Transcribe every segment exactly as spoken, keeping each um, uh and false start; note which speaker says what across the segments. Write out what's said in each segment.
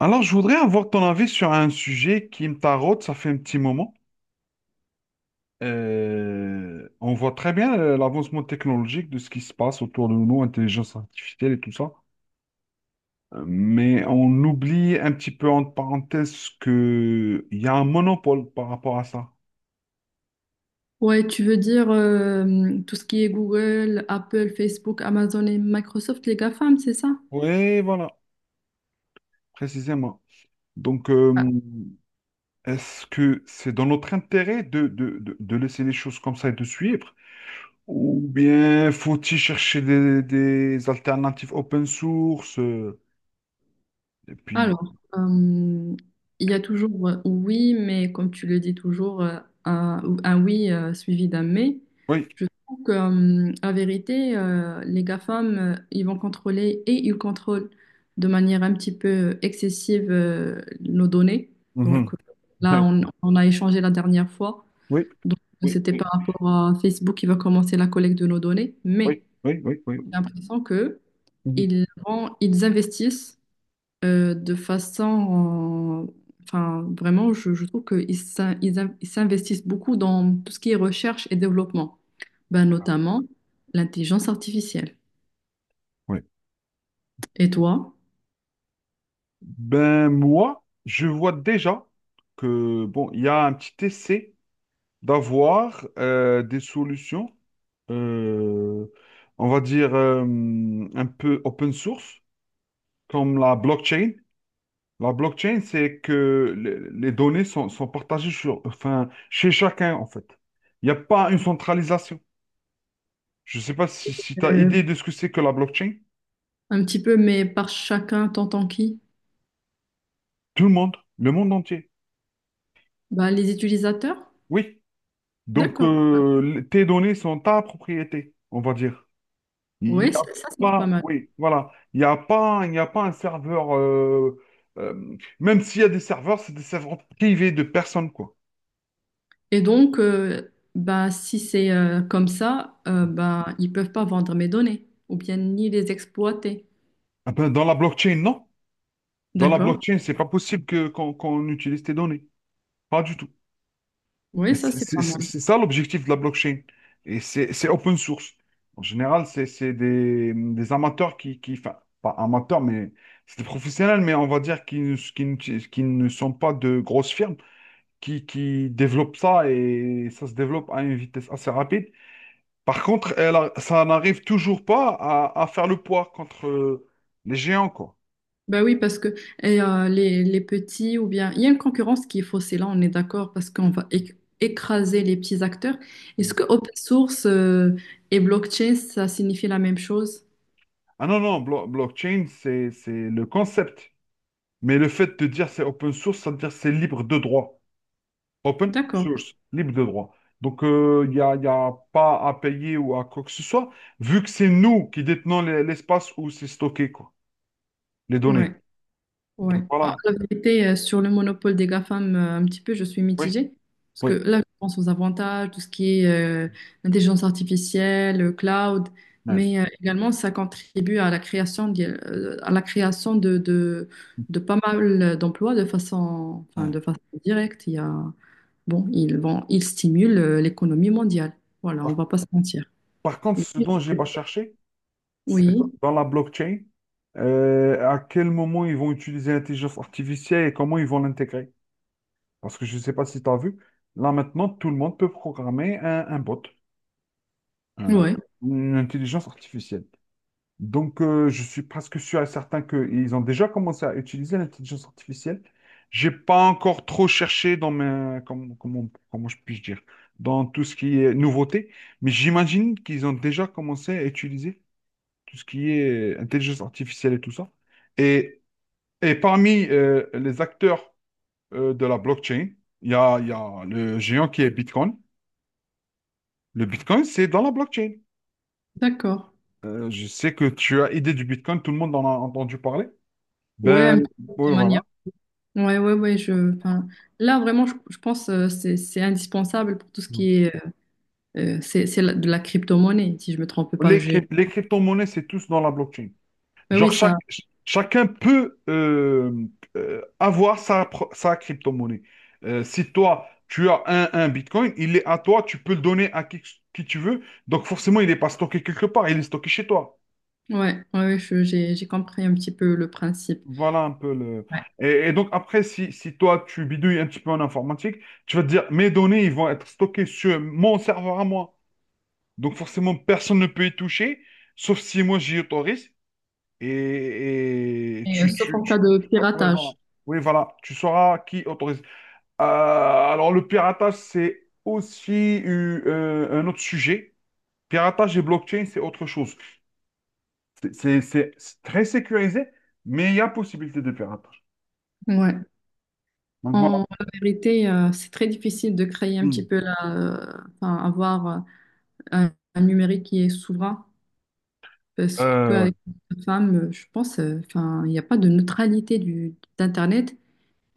Speaker 1: Alors, je voudrais avoir ton avis sur un sujet qui me taraude, ça fait un petit moment. Euh, on voit très bien euh, l'avancement technologique de ce qui se passe autour de nous, intelligence artificielle et tout ça. Euh, Mais on oublie un petit peu entre parenthèses qu'il y a un monopole par rapport à ça.
Speaker 2: Ouais, tu veux dire euh, tout ce qui est Google, Apple, Facebook, Amazon et Microsoft, les GAFAM, c'est ça?
Speaker 1: Oui, voilà, précisément. Donc, euh, est-ce que c'est dans notre intérêt de, de, de de laisser les choses comme ça et de suivre? Ou bien faut-il chercher des, des alternatives open source? euh, Et puis,
Speaker 2: Alors, euh, il y a toujours euh, oui, mais comme tu le dis toujours, euh, un, un oui euh, suivi d'un mais.
Speaker 1: oui.
Speaker 2: Je trouve que, euh, la vérité, euh, les GAFAM, euh, ils vont contrôler et ils contrôlent de manière un petit peu excessive euh, nos données. Donc
Speaker 1: Mhm.
Speaker 2: euh, là, on, on a échangé la dernière fois.
Speaker 1: Oui,
Speaker 2: Donc,
Speaker 1: oui,
Speaker 2: c'était
Speaker 1: oui,
Speaker 2: par rapport à Facebook qui va commencer la collecte de nos données,
Speaker 1: oui,
Speaker 2: mais
Speaker 1: oui, oui, oui,
Speaker 2: j'ai
Speaker 1: oui.
Speaker 2: l'impression que
Speaker 1: Mhm.
Speaker 2: ils vont- ils investissent euh, de façon, euh, enfin, vraiment, je, je trouve qu'ils s'in- ils in- ils s'investissent beaucoup dans tout ce qui est recherche et développement, ben, notamment l'intelligence artificielle.
Speaker 1: Oui.
Speaker 2: Et toi,
Speaker 1: Ben moi, je vois déjà que bon, il y a un petit essai d'avoir euh, des solutions, euh, on va dire euh, un peu open source, comme la blockchain. La blockchain, c'est que le- les données sont, sont partagées sur, enfin, chez chacun, en fait. Il n'y a pas une centralisation. Je ne sais pas si, si tu as idée
Speaker 2: Euh,
Speaker 1: de ce que c'est que la blockchain.
Speaker 2: un petit peu, mais par chacun, t'entends qui?
Speaker 1: Tout le monde, le monde entier.
Speaker 2: Ben, les utilisateurs?
Speaker 1: Oui. Donc,
Speaker 2: D'accord.
Speaker 1: euh, le- tes données sont ta propriété, on va dire. Il
Speaker 2: Oui,
Speaker 1: n'y a
Speaker 2: ça, c'est pas
Speaker 1: pas,
Speaker 2: mal.
Speaker 1: oui, voilà. Il n'y a pas, il n'y a pas un serveur, euh, euh, même s'il y a des serveurs, c'est des serveurs privés de personnes, quoi.
Speaker 2: Et donc, euh, bah, si c'est euh, comme ça, euh, bah, ils peuvent pas vendre mes données ou bien ni les exploiter.
Speaker 1: Ah ben, dans la blockchain, non. Dans la
Speaker 2: D'accord?
Speaker 1: blockchain, c'est pas possible que, qu'on qu'on utilise tes données. Pas du tout.
Speaker 2: Oui,
Speaker 1: Et
Speaker 2: ça
Speaker 1: C'est
Speaker 2: c'est pas
Speaker 1: c'est-
Speaker 2: mal.
Speaker 1: c'est ça l'objectif de la blockchain. Et c'est c'est open source. En général, c'est c'est des, des amateurs qui, qui, enfin, pas amateurs, mais c'est des professionnels, mais on va dire qui, ne- qui, ne- qui ne sont pas de grosses firmes, qui, qui développent ça et ça se développe à une vitesse assez rapide. Par contre, elle a- ça n'arrive toujours pas à, à faire le poids contre les géants, quoi.
Speaker 2: Bah oui, parce que et, euh, les, les petits ou bien... Il y a une concurrence qui est faussée, là on est d'accord, parce qu'on va éc- écraser les petits acteurs. Est-ce que open source euh, et blockchain, ça signifie la même chose?
Speaker 1: Ah non, non, blo- blockchain, c'est c'est le concept. Mais le fait de dire c'est open source, ça veut dire c'est libre de droit. Open
Speaker 2: D'accord.
Speaker 1: source, libre de droit. Donc, euh, il n'y a, il y a pas à payer ou à quoi que ce soit, vu que c'est nous qui détenons les- l'espace où c'est stocké, quoi, les
Speaker 2: Ouais.
Speaker 1: données.
Speaker 2: Ouais.
Speaker 1: Donc,
Speaker 2: Ah,
Speaker 1: voilà.
Speaker 2: la vérité, euh, sur le monopole des GAFAM, euh, un petit peu, je suis
Speaker 1: Oui,
Speaker 2: mitigée. Parce que
Speaker 1: oui.
Speaker 2: là, je pense aux avantages, tout ce qui est euh, intelligence artificielle, euh, cloud,
Speaker 1: Ouais,
Speaker 2: mais euh, également, ça contribue à la création, d'y- euh, à la création de, de, de pas mal d'emplois de façon, enfin,
Speaker 1: ouais.
Speaker 2: de façon directe. Il y a, bon, ils vont, ils stimulent euh, l'économie mondiale. Voilà, on
Speaker 1: Par,
Speaker 2: va pas se mentir.
Speaker 1: par contre,
Speaker 2: Et
Speaker 1: ce dont je n'ai pas cherché, c'est dans
Speaker 2: oui,
Speaker 1: dans la blockchain, euh, à quel moment ils vont utiliser l'intelligence artificielle et comment ils vont l'intégrer. Parce que je ne sais pas si tu as vu, là maintenant, tout le monde peut programmer un un bot. un-
Speaker 2: ouais,
Speaker 1: une intelligence artificielle. Donc, euh, je suis presque sûr et certain qu'ils ont déjà commencé à utiliser l'intelligence artificielle. J'ai pas encore trop cherché dans mes, comment, comment, comment je puis dire, dans tout ce qui est nouveauté, mais j'imagine qu'ils ont déjà commencé à utiliser tout ce qui est intelligence artificielle et tout ça. Et, et parmi euh, les acteurs euh, de la blockchain, il y a, il y a le géant qui est Bitcoin. Le Bitcoin, c'est dans la blockchain.
Speaker 2: d'accord.
Speaker 1: Euh, je sais que tu as idée du Bitcoin, tout le monde en a entendu parler.
Speaker 2: Ouais,
Speaker 1: Ben,
Speaker 2: un petit peu
Speaker 1: oui,
Speaker 2: de manière
Speaker 1: voilà.
Speaker 2: ouais, ouais, ouais, je, enfin, là, vraiment, je, je pense euh, c'est c'est indispensable pour tout ce qui est, euh, c'est c'est la- de la crypto-monnaie, si je me trompe pas.
Speaker 1: Les,
Speaker 2: J'ai,
Speaker 1: cryp- les crypto-monnaies, c'est tous dans la blockchain.
Speaker 2: ouais, oui,
Speaker 1: Genre,
Speaker 2: ça,
Speaker 1: chaque, ch- chacun peut euh, euh, avoir sa, pro- sa crypto-monnaie. Euh, si toi, tu as un, un Bitcoin, il est à toi, tu peux le donner à qui, qui tu veux. Donc, forcément, il n'est pas stocké quelque part, il est stocké chez toi.
Speaker 2: ouais, ouais, ouais, je- j'ai j'ai compris un petit peu le principe.
Speaker 1: Voilà un peu le…
Speaker 2: Ouais.
Speaker 1: Et, et donc, après, si, si toi, tu bidouilles un petit peu en informatique, tu vas te dire, mes données, ils vont être stockées sur mon serveur à moi. Donc forcément, personne ne peut y toucher, sauf si moi j'y autorise. Et, et
Speaker 2: Et, euh,
Speaker 1: tu,
Speaker 2: sauf
Speaker 1: tu,
Speaker 2: en cas
Speaker 1: tu-
Speaker 2: de
Speaker 1: tu ouais, voilà.
Speaker 2: piratage.
Speaker 1: Oui, voilà, tu sauras qui autorise. Euh, alors le piratage, c'est aussi eu, euh, un autre sujet. Piratage et blockchain, c'est autre chose. C'est c'est- c'est- c'est très sécurisé, mais il y a possibilité de piratage.
Speaker 2: Ouais.
Speaker 1: Donc voilà.
Speaker 2: En vérité, euh, c'est très difficile de créer un
Speaker 1: Mm.
Speaker 2: petit peu la, euh, enfin, avoir euh, un, un numérique qui est souverain, parce
Speaker 1: Euh, ouais.
Speaker 2: qu'avec les femmes, euh, je pense, euh, enfin, il n'y a pas de neutralité du d'Internet.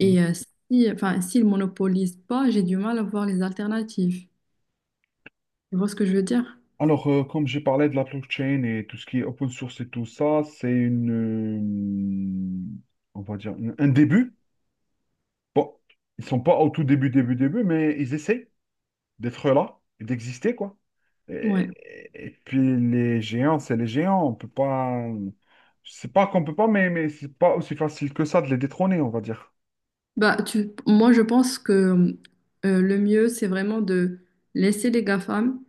Speaker 1: Hmm.
Speaker 2: euh, si, enfin, s'ils monopolisent pas, j'ai du mal à voir les alternatives. Tu vois ce que je veux dire?
Speaker 1: Alors, euh, comme j'ai parlé de la blockchain et tout ce qui est open source et tout ça, c'est une, euh, on va dire, une- un début. Bon, ils sont pas au tout début, début, début, mais ils essaient d'être là et d'exister, quoi.
Speaker 2: Ouais.
Speaker 1: Et, et puis les géants, c'est les géants. On peut pas, c'est pas qu'on peut pas, mais mais c'est pas aussi facile que ça de les détrôner, on va dire.
Speaker 2: Bah, tu, moi, je pense que euh, le mieux, c'est vraiment de laisser les GAFAM,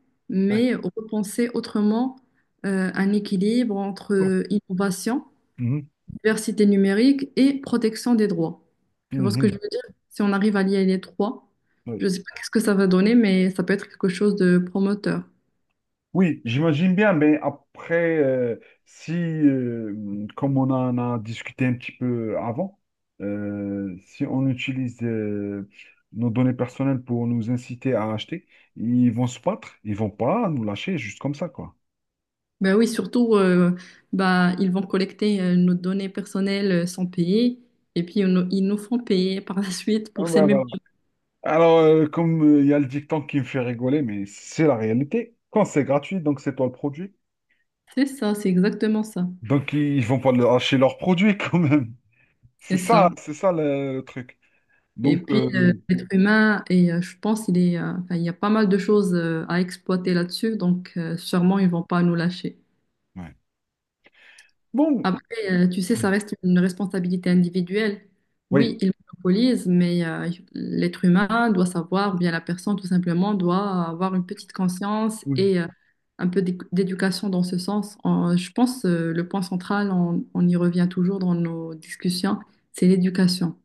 Speaker 1: Ouais.
Speaker 2: mais repenser autrement euh, un équilibre entre euh, innovation,
Speaker 1: Mhm,
Speaker 2: diversité numérique et protection des droits. Tu vois ce que je
Speaker 1: mhm,
Speaker 2: veux dire? Si on arrive à lier les trois, je
Speaker 1: ouais.
Speaker 2: ne sais pas qu'est-ce que ça va donner, mais ça peut être quelque chose de promoteur.
Speaker 1: Oui, j'imagine bien, mais après, euh, si, euh, comme on en a discuté un petit peu avant, euh, si on utilise euh, nos données personnelles pour nous inciter à acheter, ils vont se battre, ils vont pas nous lâcher juste comme ça, quoi.
Speaker 2: Ben oui, surtout, euh, ben, ils vont collecter euh, nos données personnelles euh, sans payer et puis ils nous ils nous font payer par la suite
Speaker 1: Ah
Speaker 2: pour ces
Speaker 1: bah
Speaker 2: mêmes
Speaker 1: voilà.
Speaker 2: données.
Speaker 1: Alors, euh, comme euh, il y a le dicton qui me fait rigoler, mais c'est la réalité. Quand c'est gratuit, donc c'est toi le produit.
Speaker 2: C'est ça, c'est exactement ça.
Speaker 1: Donc, ils ils vont pas le lâcher leur produit quand même. C'est
Speaker 2: C'est
Speaker 1: ça,
Speaker 2: ça.
Speaker 1: c'est ça le, le truc.
Speaker 2: Et
Speaker 1: Donc,
Speaker 2: puis,
Speaker 1: euh,
Speaker 2: euh, l'être humain, et euh, je pense il est, euh, enfin, il y a pas mal de choses euh, à exploiter là-dessus, donc euh, sûrement ils vont pas nous lâcher.
Speaker 1: ouais. Bon.
Speaker 2: Après, euh, tu sais, ça reste une responsabilité individuelle. Oui,
Speaker 1: Oui,
Speaker 2: il monopolise, mais euh, l'être humain doit savoir, ou bien la personne tout simplement doit avoir une petite conscience
Speaker 1: oui.
Speaker 2: et euh, un peu d'éc- d'éducation dans ce sens. En- je pense euh, le point central, on, on y revient toujours dans nos discussions, c'est l'éducation.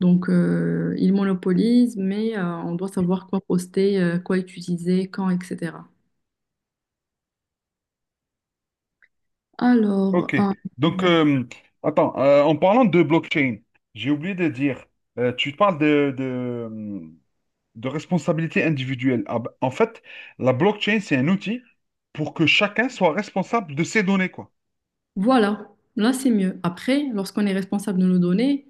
Speaker 2: Donc, euh, il monopolise, mais euh, on doit savoir quoi poster, euh, quoi utiliser, quand, et cetera. Alors,
Speaker 1: Ok.
Speaker 2: euh,
Speaker 1: Donc, euh, Attends, euh, en parlant de blockchain, j'ai oublié de dire, euh, tu parles de, de, de responsabilité individuelle. Ah bah, en fait, la blockchain, c'est un outil pour que chacun soit responsable de ses données, quoi.
Speaker 2: voilà, là c'est mieux. Après, lorsqu'on est responsable de nos données,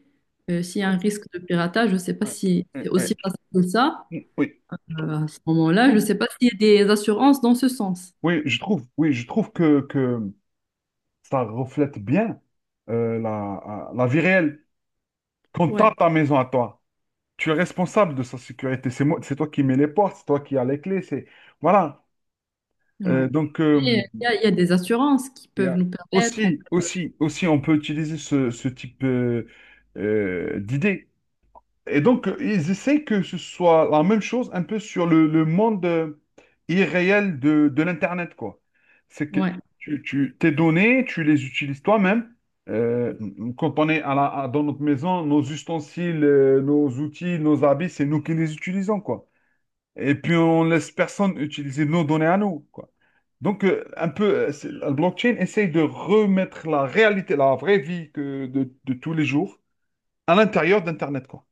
Speaker 2: euh, s'il y a un
Speaker 1: Cool.
Speaker 2: risque de piratage, je ne sais pas
Speaker 1: Ouais.
Speaker 2: si c'est
Speaker 1: Ouais, ouais.
Speaker 2: aussi facile que ça.
Speaker 1: Oui, oui. trouve-
Speaker 2: Euh, à ce moment-là, je ne sais pas s'il y a des assurances dans ce sens.
Speaker 1: Oui, je trouve, oui, je trouve que, que ça reflète bien euh, la, la vie réelle. Quand t'as
Speaker 2: Ouais,
Speaker 1: ta maison à toi, tu es responsable de sa sécurité. C'est moi, c'est toi qui mets les portes, c'est toi qui as les clés. C'est Voilà. Euh,
Speaker 2: ouais.
Speaker 1: donc
Speaker 2: Mais, euh,
Speaker 1: euh,
Speaker 2: il y a, il y a des assurances qui
Speaker 1: il y
Speaker 2: peuvent
Speaker 1: a-
Speaker 2: nous permettre. en-
Speaker 1: aussi, aussi, aussi, on peut utiliser ce, ce type euh, euh, d'idée. Et donc euh, ils essaient que ce soit la même chose un peu sur le, le monde euh, irréel de, de l'internet quoi. C'est que
Speaker 2: Ouais,
Speaker 1: tu, tu tes données, tu les utilises toi-même. Euh, Quand on est à la- à- dans notre maison, nos ustensiles, euh, nos outils, nos habits, c'est nous qui les utilisons, quoi. Et puis, on laisse personne utiliser nos données à nous, quoi. Donc, euh, un peu, euh, c'est- la blockchain essaye de remettre la réalité, la vraie vie que de, de tous les jours à l'intérieur d'Internet, quoi.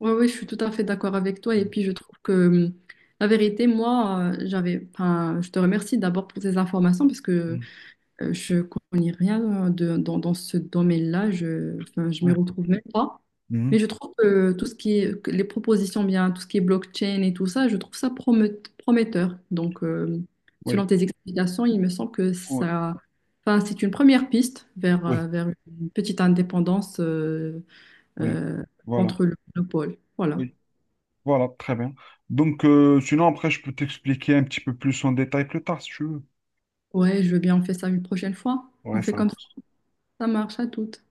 Speaker 2: ouais, ouais, je suis tout à fait d'accord avec toi. Et
Speaker 1: Mm,
Speaker 2: puis je trouve que euh, la vérité, moi, euh, j'avais. Enfin, je te remercie d'abord pour ces informations parce que
Speaker 1: mm,
Speaker 2: Euh, je connais rien euh, de- dans, dans ce domaine-là. Je, enfin, je m'y
Speaker 1: ouais,
Speaker 2: retrouve même pas.
Speaker 1: mhm.
Speaker 2: Mais je trouve que tout ce qui est, que les propositions bien, tout ce qui est blockchain et tout ça, je trouve ça promet- prometteur. Donc, euh, selon
Speaker 1: Oui,
Speaker 2: tes explications, il me semble que
Speaker 1: oui,
Speaker 2: ça, enfin, c'est une première piste vers, euh,
Speaker 1: oui,
Speaker 2: vers une petite indépendance euh,
Speaker 1: oui.
Speaker 2: euh,
Speaker 1: Voilà,
Speaker 2: contre le monopole. Voilà.
Speaker 1: oui, voilà, très bien. Donc, euh, sinon, après, je peux t'expliquer un petit peu plus en détail plus tard, si tu veux.
Speaker 2: Ouais, je veux bien, on fait ça une prochaine fois.
Speaker 1: Ouais,
Speaker 2: On fait
Speaker 1: ça
Speaker 2: comme ça.
Speaker 1: marche.
Speaker 2: Ça marche à toutes.